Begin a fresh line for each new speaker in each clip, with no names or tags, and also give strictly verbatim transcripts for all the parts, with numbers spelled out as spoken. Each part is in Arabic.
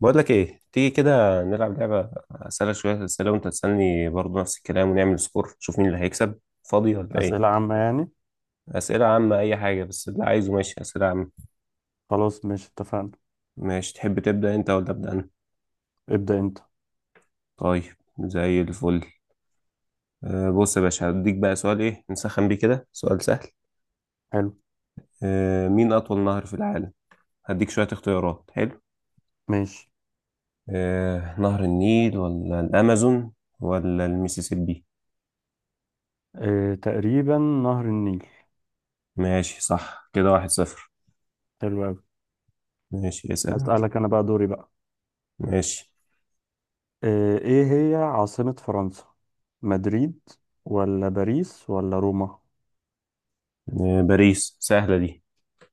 بقول لك ايه، تيجي كده نلعب لعبة، اسألك شوية أسئلة وانت تسألني برضه نفس الكلام ونعمل سكور نشوف مين اللي هيكسب. فاضي ولا
أسئلة
ايه؟
عامة يعني؟
أسئلة عامة اي حاجة بس اللي عايزه. ماشي أسئلة عامة.
خلاص، ماشي اتفقنا.
ماشي تحب تبدأ انت ولا أبدأ انا؟
ابدأ أنت.
طيب. زي الفل. أه بص يا باشا، هديك بقى سؤال ايه نسخن بيه كده، سؤال سهل.
حلو.
أه مين أطول نهر في العالم؟ هديك شوية اختيارات. حلو.
ماشي.
أه نهر النيل ولا الأمازون ولا الميسيسيبي؟
اه، تقريبا نهر النيل.
ماشي صح كده، واحد صفر.
حلو أوي.
ماشي اسأل انت.
أسألك أنا بقى، دوري بقى.
ماشي.
اه، إيه هي عاصمة فرنسا؟ مدريد ولا باريس ولا روما؟
آه، باريس سهلة دي.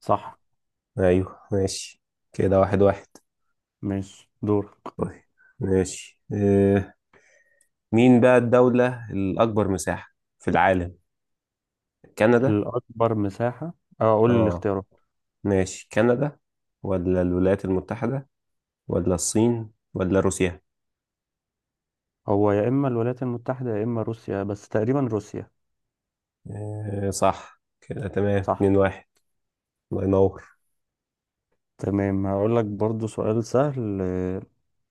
صح.
أيوه ماشي. كده واحد واحد.
ماشي، دورك.
طيب. ماشي آه، مين بقى الدولة الأكبر مساحة في العالم؟ كندا؟
الأكبر مساحة. أه، قول لي
آه
الاختيارات.
ماشي، كندا ولا الولايات المتحدة ولا الصين ولا روسيا؟
هو يا إما الولايات المتحدة يا إما روسيا، بس تقريبا روسيا.
آه، صح كده تمام.
صح.
اتنين واحد. الله ينور.
تمام، هقول لك برضو سؤال سهل. اه،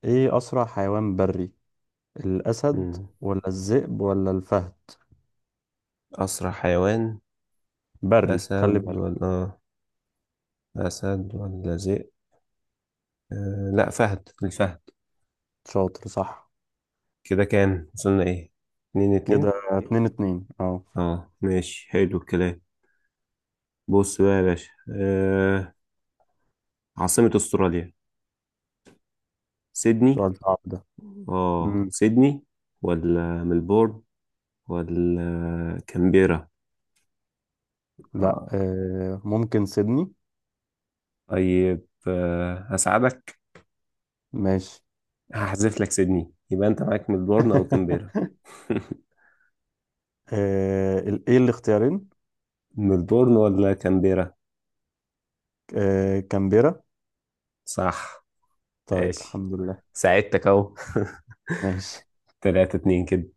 إيه أسرع حيوان بري؟ الأسد
مم.
ولا الذئب ولا الفهد؟
أسرع حيوان،
بري، خلي
أسد ولا
بالك.
آه، أسد ولا ذئب؟ آه، لا، فهد، الفهد.
شاطر. صح،
كده كام وصلنا إيه؟ اتنين اتنين.
كده اتنين اتنين. اه.
اه ماشي حلو الكلام. بص بقى يا باشا. آه عاصمة استراليا سيدني.
سؤال صعب ده.
اه
مم.
سيدني ولا ملبورن ولا كامبيرا؟
لا،
آه.
آه ممكن سيدني.
طيب آه هساعدك.
ماشي.
هحذف لك سيدني، يبقى انت معاك ملبورن او كامبيرا.
آه ال- ايه الاختيارين؟
ملبورن ولا كامبيرا؟
آه، كامبيرا.
صح.
طيب
ماشي.
الحمد لله.
ساعدتك اهو.
ماشي.
تلاتة اتنين كده.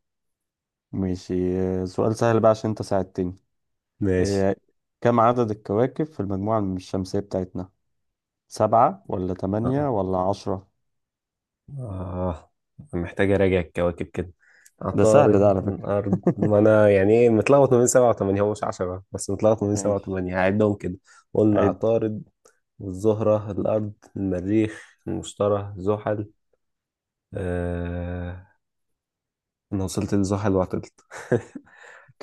ماشي. آه، سؤال سهل بقى عشان انت ساعدتني.
ماشي
آه كم عدد الكواكب في المجموعة الشمسية بتاعتنا؟ سبعة ولا تمانية
اه.
ولا عشرة؟
آه محتاج أراجع الكواكب كده.
ده سهل ده
عطارد،
على فكرة.
الأرض، ما أنا يعني إيه متلخبط ما بين سبعة وتمانية، هو مش عشرة بس متلخبط ما بين سبعة
ماشي.
وتمانية، هعدهم كده. قلنا
عد.
عطارد والزهرة الأرض المريخ المشتري زحل. آه أنا وصلت لزحل وعطلت.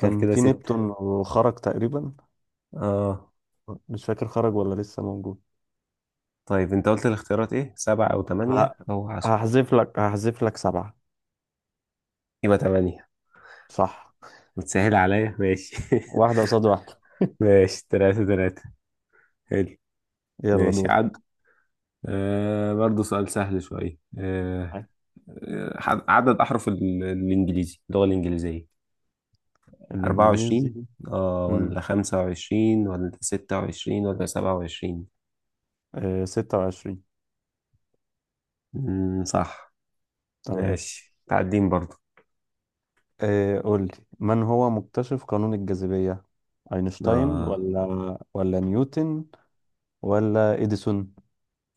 طب كده
في
ستة.
نبتون وخرج تقريبا.
آه.
مش فاكر، خرج ولا لسه موجود.
طيب أنت قلت الاختيارات إيه، سبعة أو تمانية
ه-
أو عشرة؟
هحذف لك هحذف لك سبعة.
يبقى تمانية.
صح.
متسهل عليا ماشي.
واحدة قصاد واحدة.
ماشي تلاتة تلاتة. حلو.
يلا،
ماشي
دور.
عد. آه برضه سؤال سهل شوية آه آه، ح- عدد أحرف ال- الإنجليزي، اللغة الإنجليزية أربعة وعشرين
الإنجليزي.
آه
مم.
ولا خمسة وعشرين ولا ستة وعشرين ولا سبعة وعشرين؟
آه، ستة وعشرين.
مم، صح.
تمام.
ماشي تعدين برضه.
آه، قول لي. من هو مكتشف قانون الجاذبية؟ أينشتاين
آه
ولا ولا نيوتن ولا إديسون؟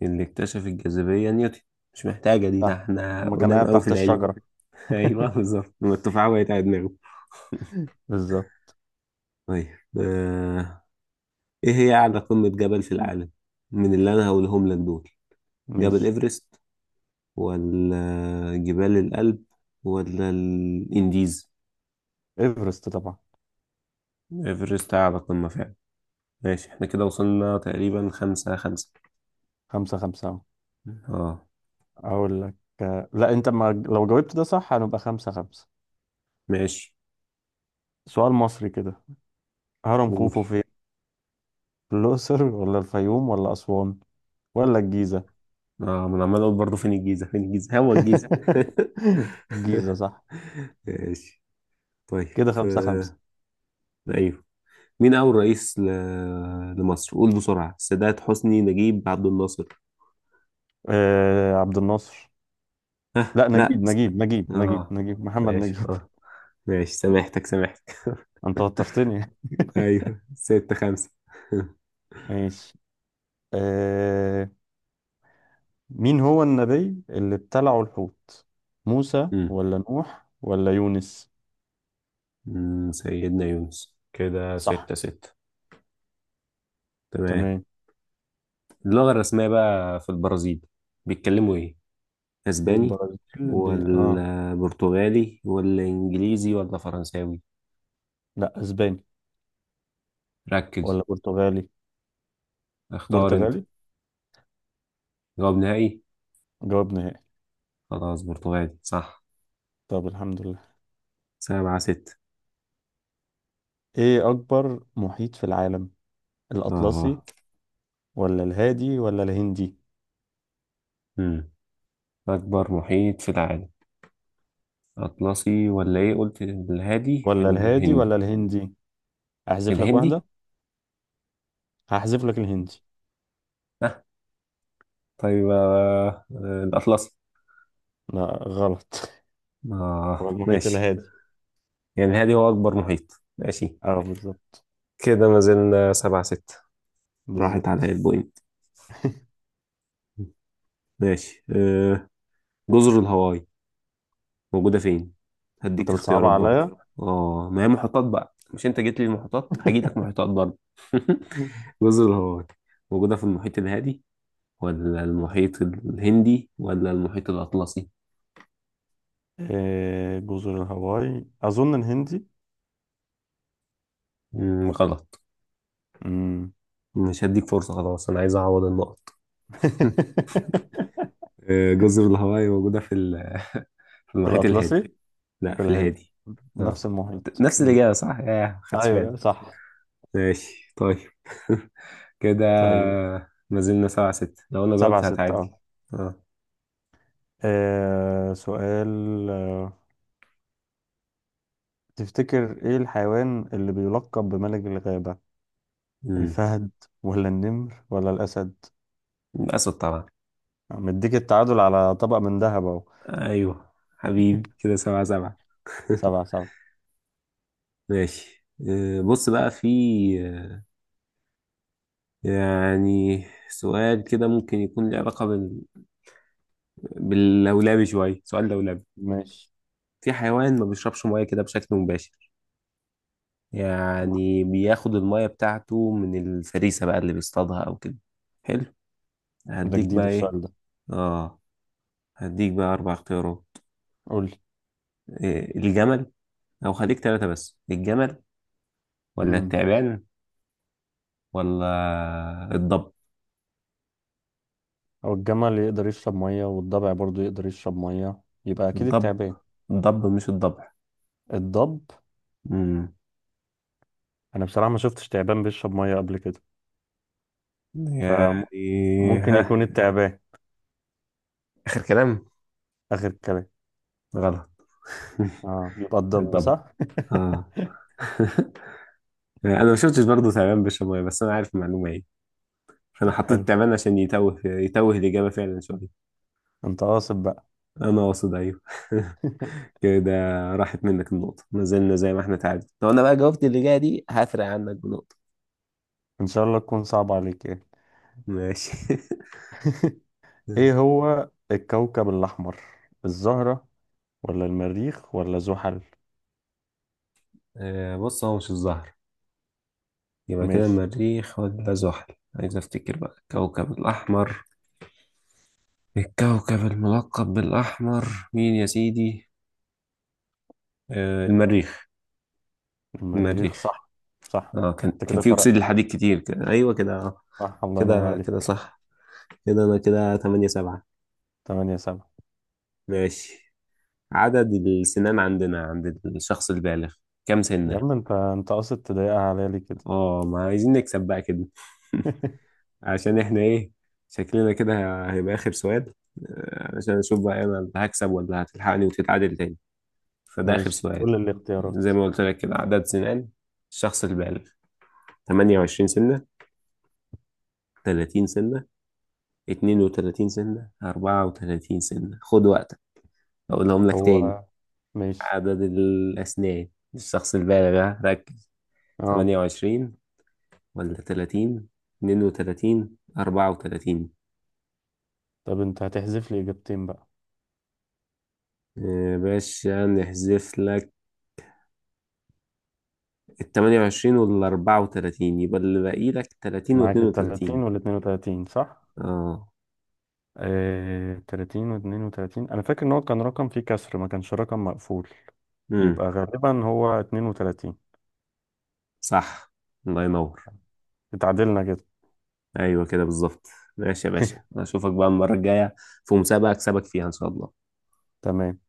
اللي اكتشف الجاذبية نيوتن. مش محتاجة دي، ده
صح.
احنا
ما كان
قدام
قاعد
أوي في
تحت
العلم.
الشجرة.
أيوه بالظبط لما التفاحة وقعت على دماغه.
بالظبط.
طيب آه إيه هي أعلى قمة جبل في العالم؟ من اللي أنا هقولهم لك دول، جبل
ماشي.
إيفرست ولا جبال الألب ولا الإنديز؟
إيفرست طبعا.
إيفرست أعلى قمة فعلا. ماشي احنا كده وصلنا تقريبا خمسة خمسة.
خمسة خمسة أهو.
اه
اقول لك. آه، لا، انت ما لو جاوبت ده صح هنبقى خمسة خمسة.
ماشي.
سؤال مصري كده. هرم
قول.
خوفو فين؟ في الاقصر ولا الفيوم ولا اسوان ولا الجيزة؟
اه ما انا عمال اقول برضه فين الجيزة فين الجيزة هو الجيزة.
الجيزة صح.
ماشي. طيب
كده خمسة خمسة.
آه، ايوه مين أول رئيس ل... لمصر؟ قول بسرعة، السادات، حسني، نجيب، عبد الناصر.
آه عبد الناصر. لا، نجيب
لا
نجيب نجيب نجيب
اه
نجيب، محمد
ماشي.
نجيب.
اه ماشي سامحتك سامحتك.
انت وترتني.
ايوه ستة خمسة.
ماشي. آه مين هو النبي اللي ابتلعه الحوت؟ موسى ولا نوح ولا يونس؟
مم، سيدنا يونس. كده
صح.
ستة ستة. تمام.
تمام.
اللغة الرسمية بقى في البرازيل بيتكلموا ايه؟ اسباني
البرازيل. ب... اه
ولا برتغالي ولا انجليزي ولا فرنساوي؟
لا، اسباني
ركز.
ولا برتغالي.
اختار انت.
برتغالي.
جواب نهائي.
جواب نهائي.
خلاص برتغالي صح.
طب الحمد لله.
سبعة ستة.
ايه اكبر محيط في العالم؟ الاطلسي
اه.
ولا الهادي ولا الهندي؟
مم. أكبر محيط في العالم، أطلسي ولا ايه، قلت الهادي
ولا الهادي ولا
والهندي؟
الهندي. احذف لك
الهندي؟
واحدة. هحذف لك الهندي.
اه طيب آه، آه، الأطلسي.
لا، غلط. هو
اه
المحيط
ماشي.
الهادي.
يعني الهادي هو أكبر محيط، ماشي.
اه، بالظبط.
كده ما زلنا سبعة ستة. راحت على
بالظبط.
البوينت. ماشي آه، جزر الهواي موجودة فين؟
انت
هديك
بتصعب
اختيارات برضو.
عليا.
اه ما هي محيطات بقى، مش انت جيت لي المحيطات هجيلك محيطات برضو. جزر الهواي موجودة في المحيط الهادي ولا المحيط الهندي ولا المحيط الأطلسي؟
إيه جزر الهواي، اظن الهندي.
مم، غلط.
مم.
مش هديك فرصة خلاص، أنا عايز أعوض النقط. آه، جزر الهواي موجودة في ال- في
في
المحيط
الاطلسي.
الهادي. لا
في
في
الهادي،
الهادي.
نفس
اه
المحيط.
نفس
مم.
الإجابة صح؟ ياه ما خدتش بالي.
ايوه، صح.
ماشي طيب. كده
طيب،
ما زلنا سبعة ستة، لو أنا
سبعة
جاوبت
ستة
هتعادل.
اه.
اه.
آه، سؤال. آه، تفتكر ايه الحيوان اللي بيلقب بملك الغابة؟
امم
الفهد ولا النمر ولا الأسد؟
أسود طبعا.
مديك التعادل على طبق من ذهب اهو.
أيوه. حبيبي كده سبعة سبعة.
سبعة سبعة.
ماشي آه، بص بقى في آه، يعني سؤال كده ممكن يكون له علاقة بال... باللولبي شوية، سؤال لولبي.
ماشي.
في حيوان ما بيشربش مية كده بشكل مباشر، يعني بياخد المية بتاعته من الفريسة بقى اللي بيصطادها أو كده. حلو.
ده
هديك
جديد
بقى إيه.
السؤال ده.
آه هديك بقى أربع اختيارات.
قولي.
إيه الجمل، أو خليك تلاتة بس، الجمل ولا
امم
التعبان ولا الضب.
هو الجمل يقدر يشرب مية والضبع برضو يقدر يشرب مية، يبقى أكيد
الضب.
التعبان.
الضب مش الضبع.
الضب.
مم.
أنا بصراحة ما شفتش تعبان بيشرب مية قبل كده،
يعني
فممكن
ها.
يكون إيه، التعبان.
آخر كلام.
آخر كلام.
غلط.
اه، يبقى الضب
الضب.
صح.
آه أنا ما شفتش برضه تعبان بيشرب مية بس أنا عارف المعلومة إيه، فأنا
طب حلو.
حطيت تعبان عشان يتوه يتوه الإجابة فعلا شوية.
انت قاصد بقى.
انا واصل ايوه. كده راحت منك النقطة. ما زلنا زي ما احنا تعادل، لو انا بقى جاوبت اللي جاية دي هفرق عنك بنقطة.
ان شاء الله تكون صعب عليك يعني.
ماشي.
ايه هو الكوكب الاحمر؟ الزهرة ولا المريخ ولا زحل؟
آه، بص هو مش الزهر، يبقى كده
ماشي.
المريخ ولا زحل، عايز افتكر بقى الكوكب الاحمر. الكوكب الملقب بالاحمر مين يا سيدي؟ آه، المريخ.
المريخ
المريخ.
صح. صح،
اه كان
انت
كان
كده
فيه اكسيد
فرقت.
الحديد كتير كده ايوه كده آه.
صح، الله ينور
كده كده
عليك.
صح. كده انا كده ثمانية سبعة.
تمانية سبعة.
ماشي. عدد السنان عندنا عند الشخص البالغ كام
يا
سنة؟
عم، انت انت قاصد تضايقها عليا ليه كده.
اه ما عايزين نكسب بقى كده. عشان احنا ايه، شكلنا كده هيبقى اخر سؤال. آه، عشان اشوف بقى انا اللي هكسب ولا هتلحقني وتتعادل تاني، فده اخر
ماشي،
سؤال.
كل الاختيارات.
زي ما قلت لك كده، عدد سنان الشخص البالغ، تمانية وعشرين سنة تلاتين سنة اتنين وتلاتين سنة اربعة وثلاثين سنة، خد وقتك. اقولهم لك تاني،
هو. ماشي.
عدد الاسنان الشخص البالغ، ها، ركز.
اه.
تمانية وعشرين ولا تلاتين اتنين وتلاتين أربعة وتلاتين؟
طب انت هتحذف لي اجابتين بقى.
يا باشا نحذف لك التمانية وعشرين والأربعة وتلاتين، يبقى اللي باقي لك تلاتين
معاك
واتنين
ال
وتلاتين.
تلاتين وال اتنين وتلاتين صح؟
اه.
آه تلاتين و32. انا فاكر ان هو كان رقم فيه كسر، ما كانش رقم مقفول.
امم.
يبقى غالبا هو اثنين وثلاثين.
صح. الله ينور.
اتعادلنا كده.
أيوة كده بالظبط. ماشي يا باشا، أشوفك بقى المرة الجاية في مسابقة أكسبك فيها إن شاء الله.
تمام.